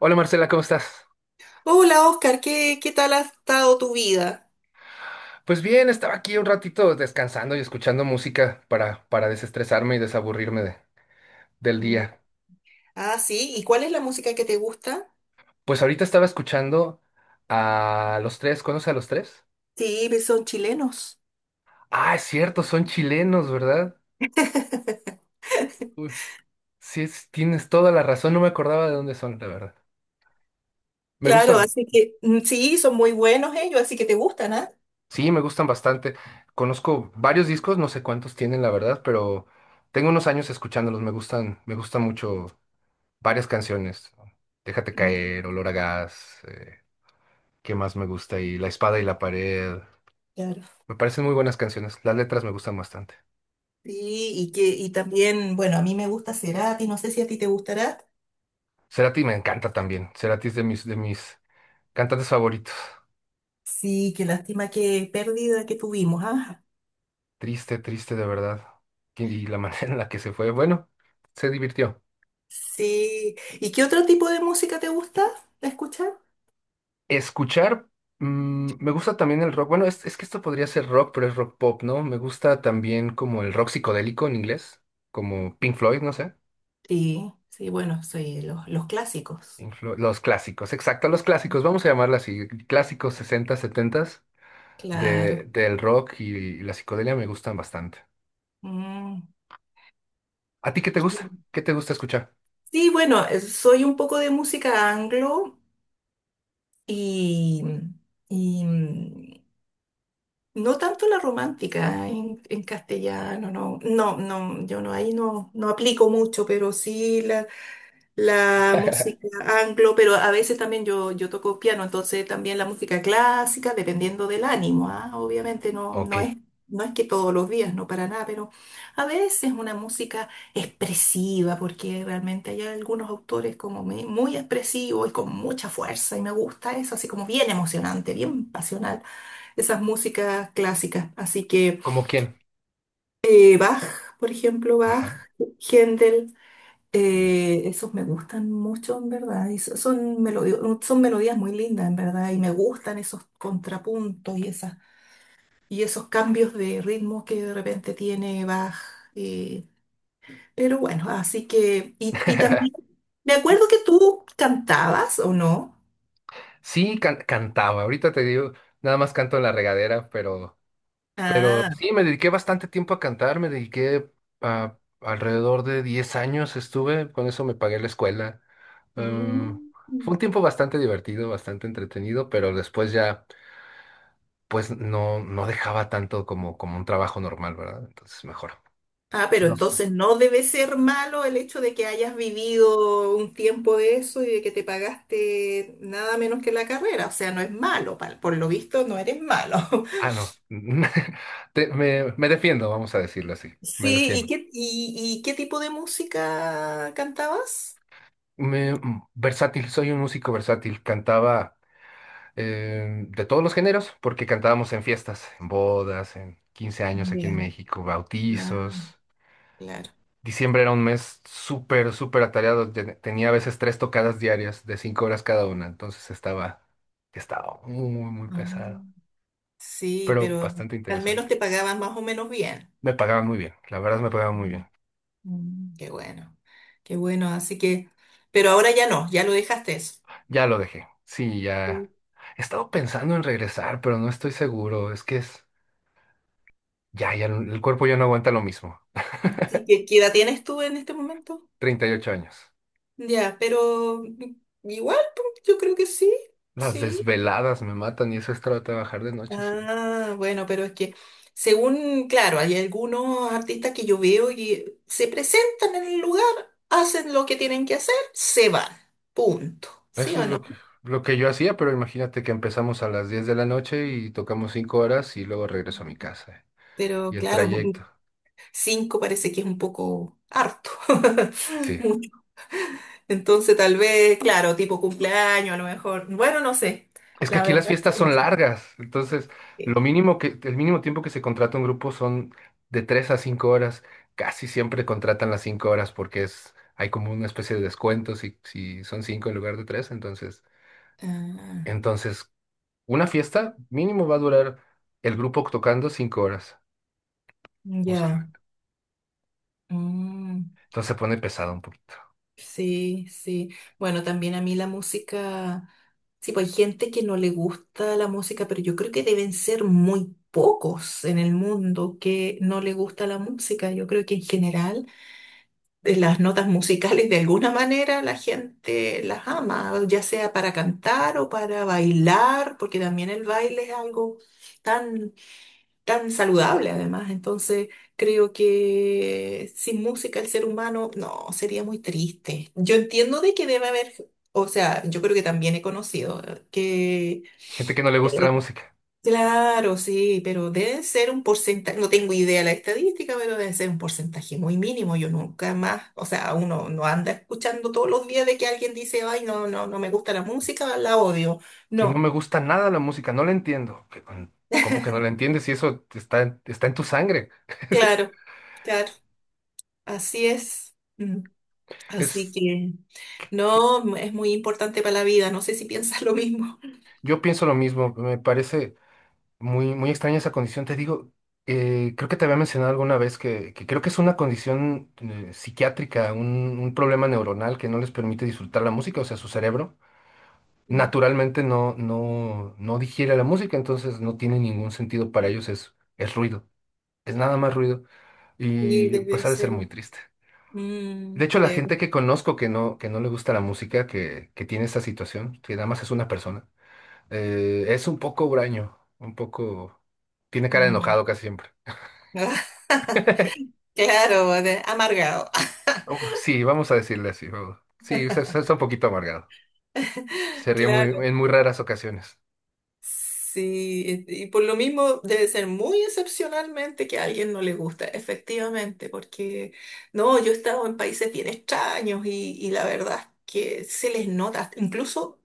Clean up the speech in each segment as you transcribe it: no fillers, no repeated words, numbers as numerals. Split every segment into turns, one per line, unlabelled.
Hola Marcela, ¿cómo estás?
Hola Oscar, ¿qué tal ha estado tu vida?
Pues bien, estaba aquí un ratito descansando y escuchando música para desestresarme y desaburrirme del
Mm.
día.
Ah, sí, ¿y cuál es la música que te gusta?
Pues ahorita estaba escuchando a Los Tres, ¿conoces a Los Tres?
Sí, pues son chilenos.
Ah, es cierto, son chilenos, ¿verdad? Uy, sí, tienes toda la razón, no me acordaba de dónde son, la verdad. Me
Claro,
gustan,
así que mm, sí, son muy buenos ellos, así que te gustan, ¿ah?
sí, me gustan bastante. Conozco varios discos, no sé cuántos tienen, la verdad, pero tengo unos años escuchándolos, me gustan mucho varias canciones. ¿No? Déjate
Mm.
caer, Olor a gas, ¿qué más me gusta? Y La espada y la pared.
Claro.
Me parecen muy buenas canciones. Las letras me gustan bastante.
Sí, y también, bueno, a mí me gusta Cerati, no sé si a ti te gustará.
Cerati me encanta también. Cerati es de mis cantantes favoritos.
Sí, qué lástima, qué pérdida que tuvimos, ¿ah?
Triste, triste de verdad. Y la manera en la que se fue, bueno, se divirtió.
Sí, ¿y qué otro tipo de música te gusta escuchar?
Escuchar, me gusta también el rock. Bueno, es que esto podría ser rock, pero es rock pop, ¿no? Me gusta también como el rock psicodélico en inglés, como Pink Floyd, no sé.
Sí, sí, bueno, soy los clásicos.
Los clásicos, exacto, los clásicos, vamos a llamarla así, clásicos 60, 70
Claro.
del rock y la psicodelia me gustan bastante.
Mm.
¿A ti qué te gusta? ¿Qué te gusta escuchar?
Sí, bueno, soy un poco de música anglo y, y, no tanto la romántica en castellano, no, no, no, yo no, ahí no, no aplico mucho, pero sí la música anglo, pero a veces también yo toco piano, entonces también la música clásica, dependiendo del ánimo, ¿ah? Obviamente no,
Ok.
no es, no es que todos los días, no para nada, pero a veces una música expresiva, porque realmente hay algunos autores como muy expresivos y con mucha fuerza, y me gusta eso, así como bien emocionante, bien pasional, esas músicas clásicas. Así que
¿Cómo quién?
Bach, por ejemplo, Bach,
Ajá.
Händel.
Eminem.
Esos me gustan mucho, en verdad. Y son melodías muy lindas, en verdad. Y me gustan esos contrapuntos y esas, y esos cambios de ritmo que de repente tiene Bach. eh, pero bueno, así que. Y también. Me
Sí,
acuerdo que tú cantabas, ¿o no?
sí, cantaba, ahorita te digo, nada más canto en la regadera. Pero
Ah.
sí, me dediqué bastante tiempo a cantar, me dediqué a alrededor de 10 años estuve, con eso me pagué la escuela. Em,
Mm.
Fue un tiempo bastante divertido, bastante entretenido, pero después ya, pues no, no dejaba tanto como un trabajo normal, ¿verdad? Entonces mejor.
Ah, pero
Nos-
entonces no debe ser malo el hecho de que hayas vivido un tiempo de eso y de que te pagaste nada menos que la carrera. O sea, no es malo, por lo visto no eres malo.
Ah, no. Me defiendo, vamos a decirlo así. Me
Sí,
defiendo.
y qué tipo de música cantabas?
Versátil, soy un músico versátil. Cantaba. De todos los géneros, porque cantábamos en fiestas, en bodas, en 15 años aquí en
Ya.
México,
Ah,
bautizos.
claro.
Diciembre era un mes súper, súper atareado. Tenía a veces tres tocadas diarias de 5 horas cada una, entonces estaba muy, muy, muy
Ah,
pesado,
sí,
pero
pero
bastante
al
interesante.
menos te pagaban más o menos bien.
Me pagaban muy bien, la verdad me pagaban muy
Mm,
bien.
mm. Qué bueno, qué bueno. Así que, pero ahora ya no, ya lo dejaste eso.
Ya lo dejé. Sí,
Sí.
ya. He estado pensando en regresar, pero no estoy seguro. Es que es. Ya, ya, no, el cuerpo ya no aguanta lo mismo.
¿Y qué, qué edad tienes tú en este momento?
38 años.
Ya, pero igual, pues, yo creo que sí,
Las
sí.
desveladas me matan y eso es trabajar de noche, sí.
Ah, bueno, pero es que según, claro, hay algunos artistas que yo veo y se presentan en el lugar, hacen lo que tienen que hacer, se van, punto. ¿Sí
Eso
o
es lo que,
no?
lo que yo hacía, pero imagínate que empezamos a las 10 de la noche y tocamos 5 horas y luego regreso a mi casa, ¿eh?
Pero
Y el
claro,
trayecto.
cinco parece que es un poco harto.
Sí.
Mucho. Entonces, tal vez, claro, tipo cumpleaños, a lo mejor. Bueno, no sé.
Es que
La
aquí las
verdad es que
fiestas son
no
largas, entonces lo
sé.
mínimo que, el mínimo tiempo que se contrata un grupo son de 3 a 5 horas. Casi siempre contratan las 5 horas porque hay como una especie de descuento si son 5 en lugar de tres, entonces,
Ah,
entonces una fiesta mínimo va a durar el grupo tocando 5 horas,
ya.
usualmente.
Mm.
Entonces se pone pesado un poquito.
Sí, sí. Bueno, también a mí la música, sí, pues hay gente que no le gusta la música, pero yo creo que deben ser muy pocos en el mundo que no le gusta la música. Yo creo que en general las notas musicales de alguna manera la gente las ama, ya sea para cantar o para bailar, porque también el baile es algo tan tan saludable además. Entonces, creo que sin música el ser humano, no, sería muy triste. Yo entiendo de que debe haber, o sea, yo creo que también he conocido
Gente que no le
eh,
gusta la música.
claro, sí, pero debe ser un porcentaje, no tengo idea de la estadística, pero debe ser un porcentaje muy mínimo. Yo nunca más, o sea, uno no anda escuchando todos los días de que alguien dice, ay, no, no, no me gusta la música, la odio.
Si no me
No,
gusta nada la música, no la entiendo. ¿Cómo que no la entiendes si eso está, está en tu sangre?
claro, claro, así es. Mm.
Es,
Así
es-
que no, es muy importante para la vida. No sé si piensas lo mismo.
yo pienso lo mismo. Me parece muy, muy extraña esa condición. Te digo, creo que te había mencionado alguna vez que creo que es una condición psiquiátrica, un problema neuronal que no les permite disfrutar la música, o sea, su cerebro
Mm.
naturalmente no, no, no digiere la música, entonces no tiene ningún sentido para ellos, es ruido. Es nada más ruido
Sí,
y pues
debe
ha de ser
ser.
muy triste.
mm,
De hecho, la gente
debe-
que conozco que no le gusta la música, que tiene esta situación, que nada más es una persona, es un poco huraño, un poco. Tiene cara de
mm.
enojado casi siempre.
Claro, amargado.
Oh, sí, vamos a decirle así. Vamos. Sí, o sea, está un poquito amargado. Se ríe muy,
Claro.
en muy raras ocasiones.
Sí, y por lo mismo debe ser muy excepcionalmente que a alguien no le gusta, efectivamente, porque no, yo he estado en países bien extraños y la verdad es que se les nota, incluso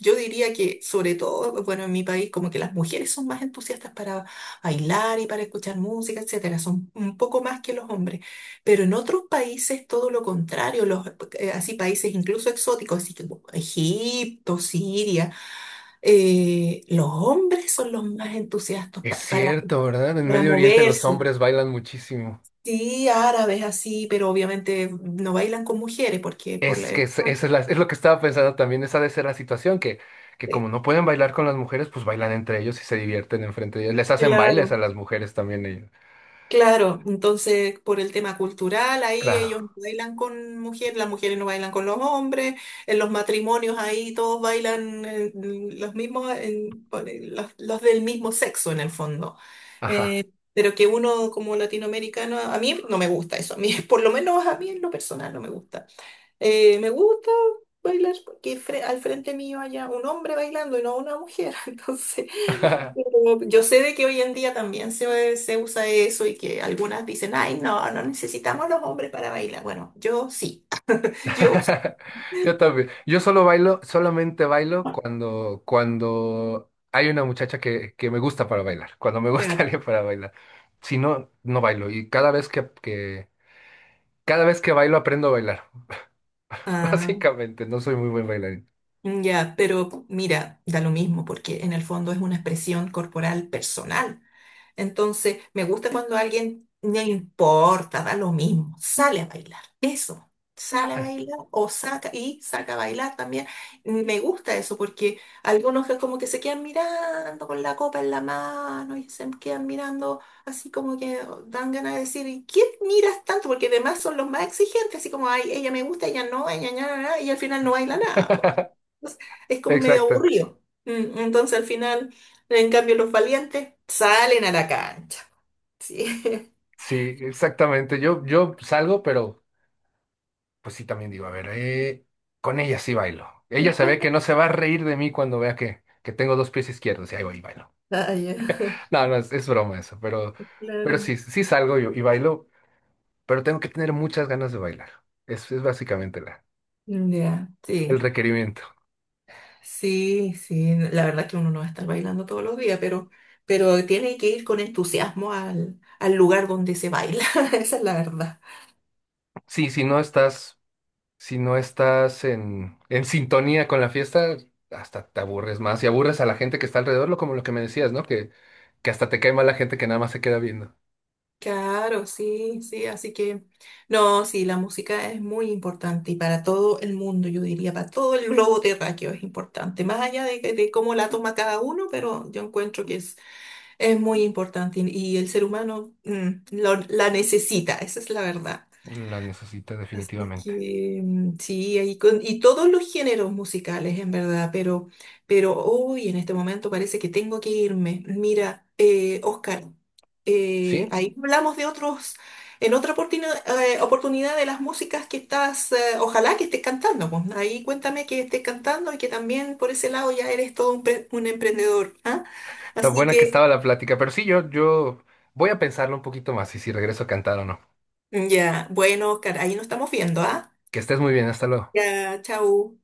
yo diría que sobre todo, bueno, en mi país como que las mujeres son más entusiastas para bailar y para escuchar música, etcétera, son un poco más que los hombres, pero en otros países todo lo contrario, los, así países incluso exóticos, así como Egipto, Siria. Los hombres son los más entusiastas
Es cierto, ¿verdad? En
para
Medio Oriente los
moverse.
hombres bailan muchísimo.
Sí, árabes así, pero obviamente no bailan con mujeres porque por la...
Es lo que estaba pensando también, esa de ser la situación, que
Sí,
como no pueden bailar con las mujeres, pues bailan entre ellos y se divierten enfrente de ellos. Les hacen bailes
claro.
a las mujeres también ellos.
Claro, entonces por el tema cultural, ahí
Claro,
ellos no bailan con mujeres, las mujeres no bailan con los hombres, en los matrimonios ahí todos bailan los mismos, los del mismo sexo en el fondo.
ajá.
Pero que uno como latinoamericano, a mí no me gusta eso, a mí por lo menos a mí en lo personal no me gusta. Me gusta bailar porque al frente mío haya un hombre bailando y no una mujer. Entonces, pero yo sé de que hoy en día también se usa eso y que algunas dicen, ay, no, no necesitamos los hombres para bailar. Bueno, yo sí, yo sí.
Yo también. Yo solo bailo, solamente bailo cuando hay una muchacha que me gusta para bailar, cuando me gusta
Claro.
alguien para bailar. Si no, no bailo. Y cada vez que bailo aprendo a bailar.
Ah,
Básicamente, no soy muy buen bailarín.
ya, pero mira, da lo mismo porque en el fondo es una expresión corporal personal. Entonces, me gusta cuando a alguien no le importa, da lo mismo, sale a bailar. Eso, sale a
Ah,
bailar o saca y saca a bailar también. Me gusta eso porque algunos que como que se quedan mirando con la copa en la mano y se quedan mirando así como que dan ganas de decir, ¿y qué miras tanto? Porque además son los más exigentes, así como, ay, ella me gusta, ella no, ella, nada y al final no baila nada, es como medio
exacto.
aburrido. Mm. Entonces al final, en cambio, los valientes salen a la cancha. Sí.
Sí, exactamente. Yo salgo, pero pues sí también digo, a ver, con ella sí bailo. Ella se ve que no se va a reír de mí cuando vea que tengo dos pies izquierdos y ahí voy y bailo.
Ah, ya.
No, no, es broma eso, pero
Claro.
sí, sí salgo yo y bailo, pero tengo que tener muchas ganas de bailar. Es básicamente la,
Ya,
el
sí.
requerimiento.
Sí, sí. La verdad es que uno no va a estar bailando todos los días, pero tiene que ir con entusiasmo al, al lugar donde se baila. Esa es la verdad.
Sí, si no estás en sintonía con la fiesta, hasta te aburres más y aburres a la gente que está alrededor, lo como lo que me decías, ¿no? Que hasta te cae mal la gente que nada más se queda viendo.
Claro, sí, sí, así que no, sí, la música es muy importante y para todo el mundo, yo diría, para todo el globo terráqueo es importante, más allá de, de cómo la toma cada uno, pero yo encuentro que es muy importante y el ser humano la necesita, esa es la verdad.
La necesita
Así
definitivamente.
que mm, sí, ahí con, y todos los géneros musicales, en verdad, pero hoy en este momento parece que tengo que irme. Mira, Oscar,
Sí,
ahí hablamos de otros, en otra oportunidad de las músicas que estás, ojalá que estés cantando pues. Ahí cuéntame que estés cantando y que también por ese lado ya eres todo un, un emprendedor, ¿ah?
tan
Así
buena que
que
estaba la plática, pero sí, yo voy a pensarlo un poquito más y si regreso a cantar o no.
ya, bueno, Oscar, ahí nos estamos viendo, ¿ah?
Que estés muy bien, hasta luego.
Ya, chau.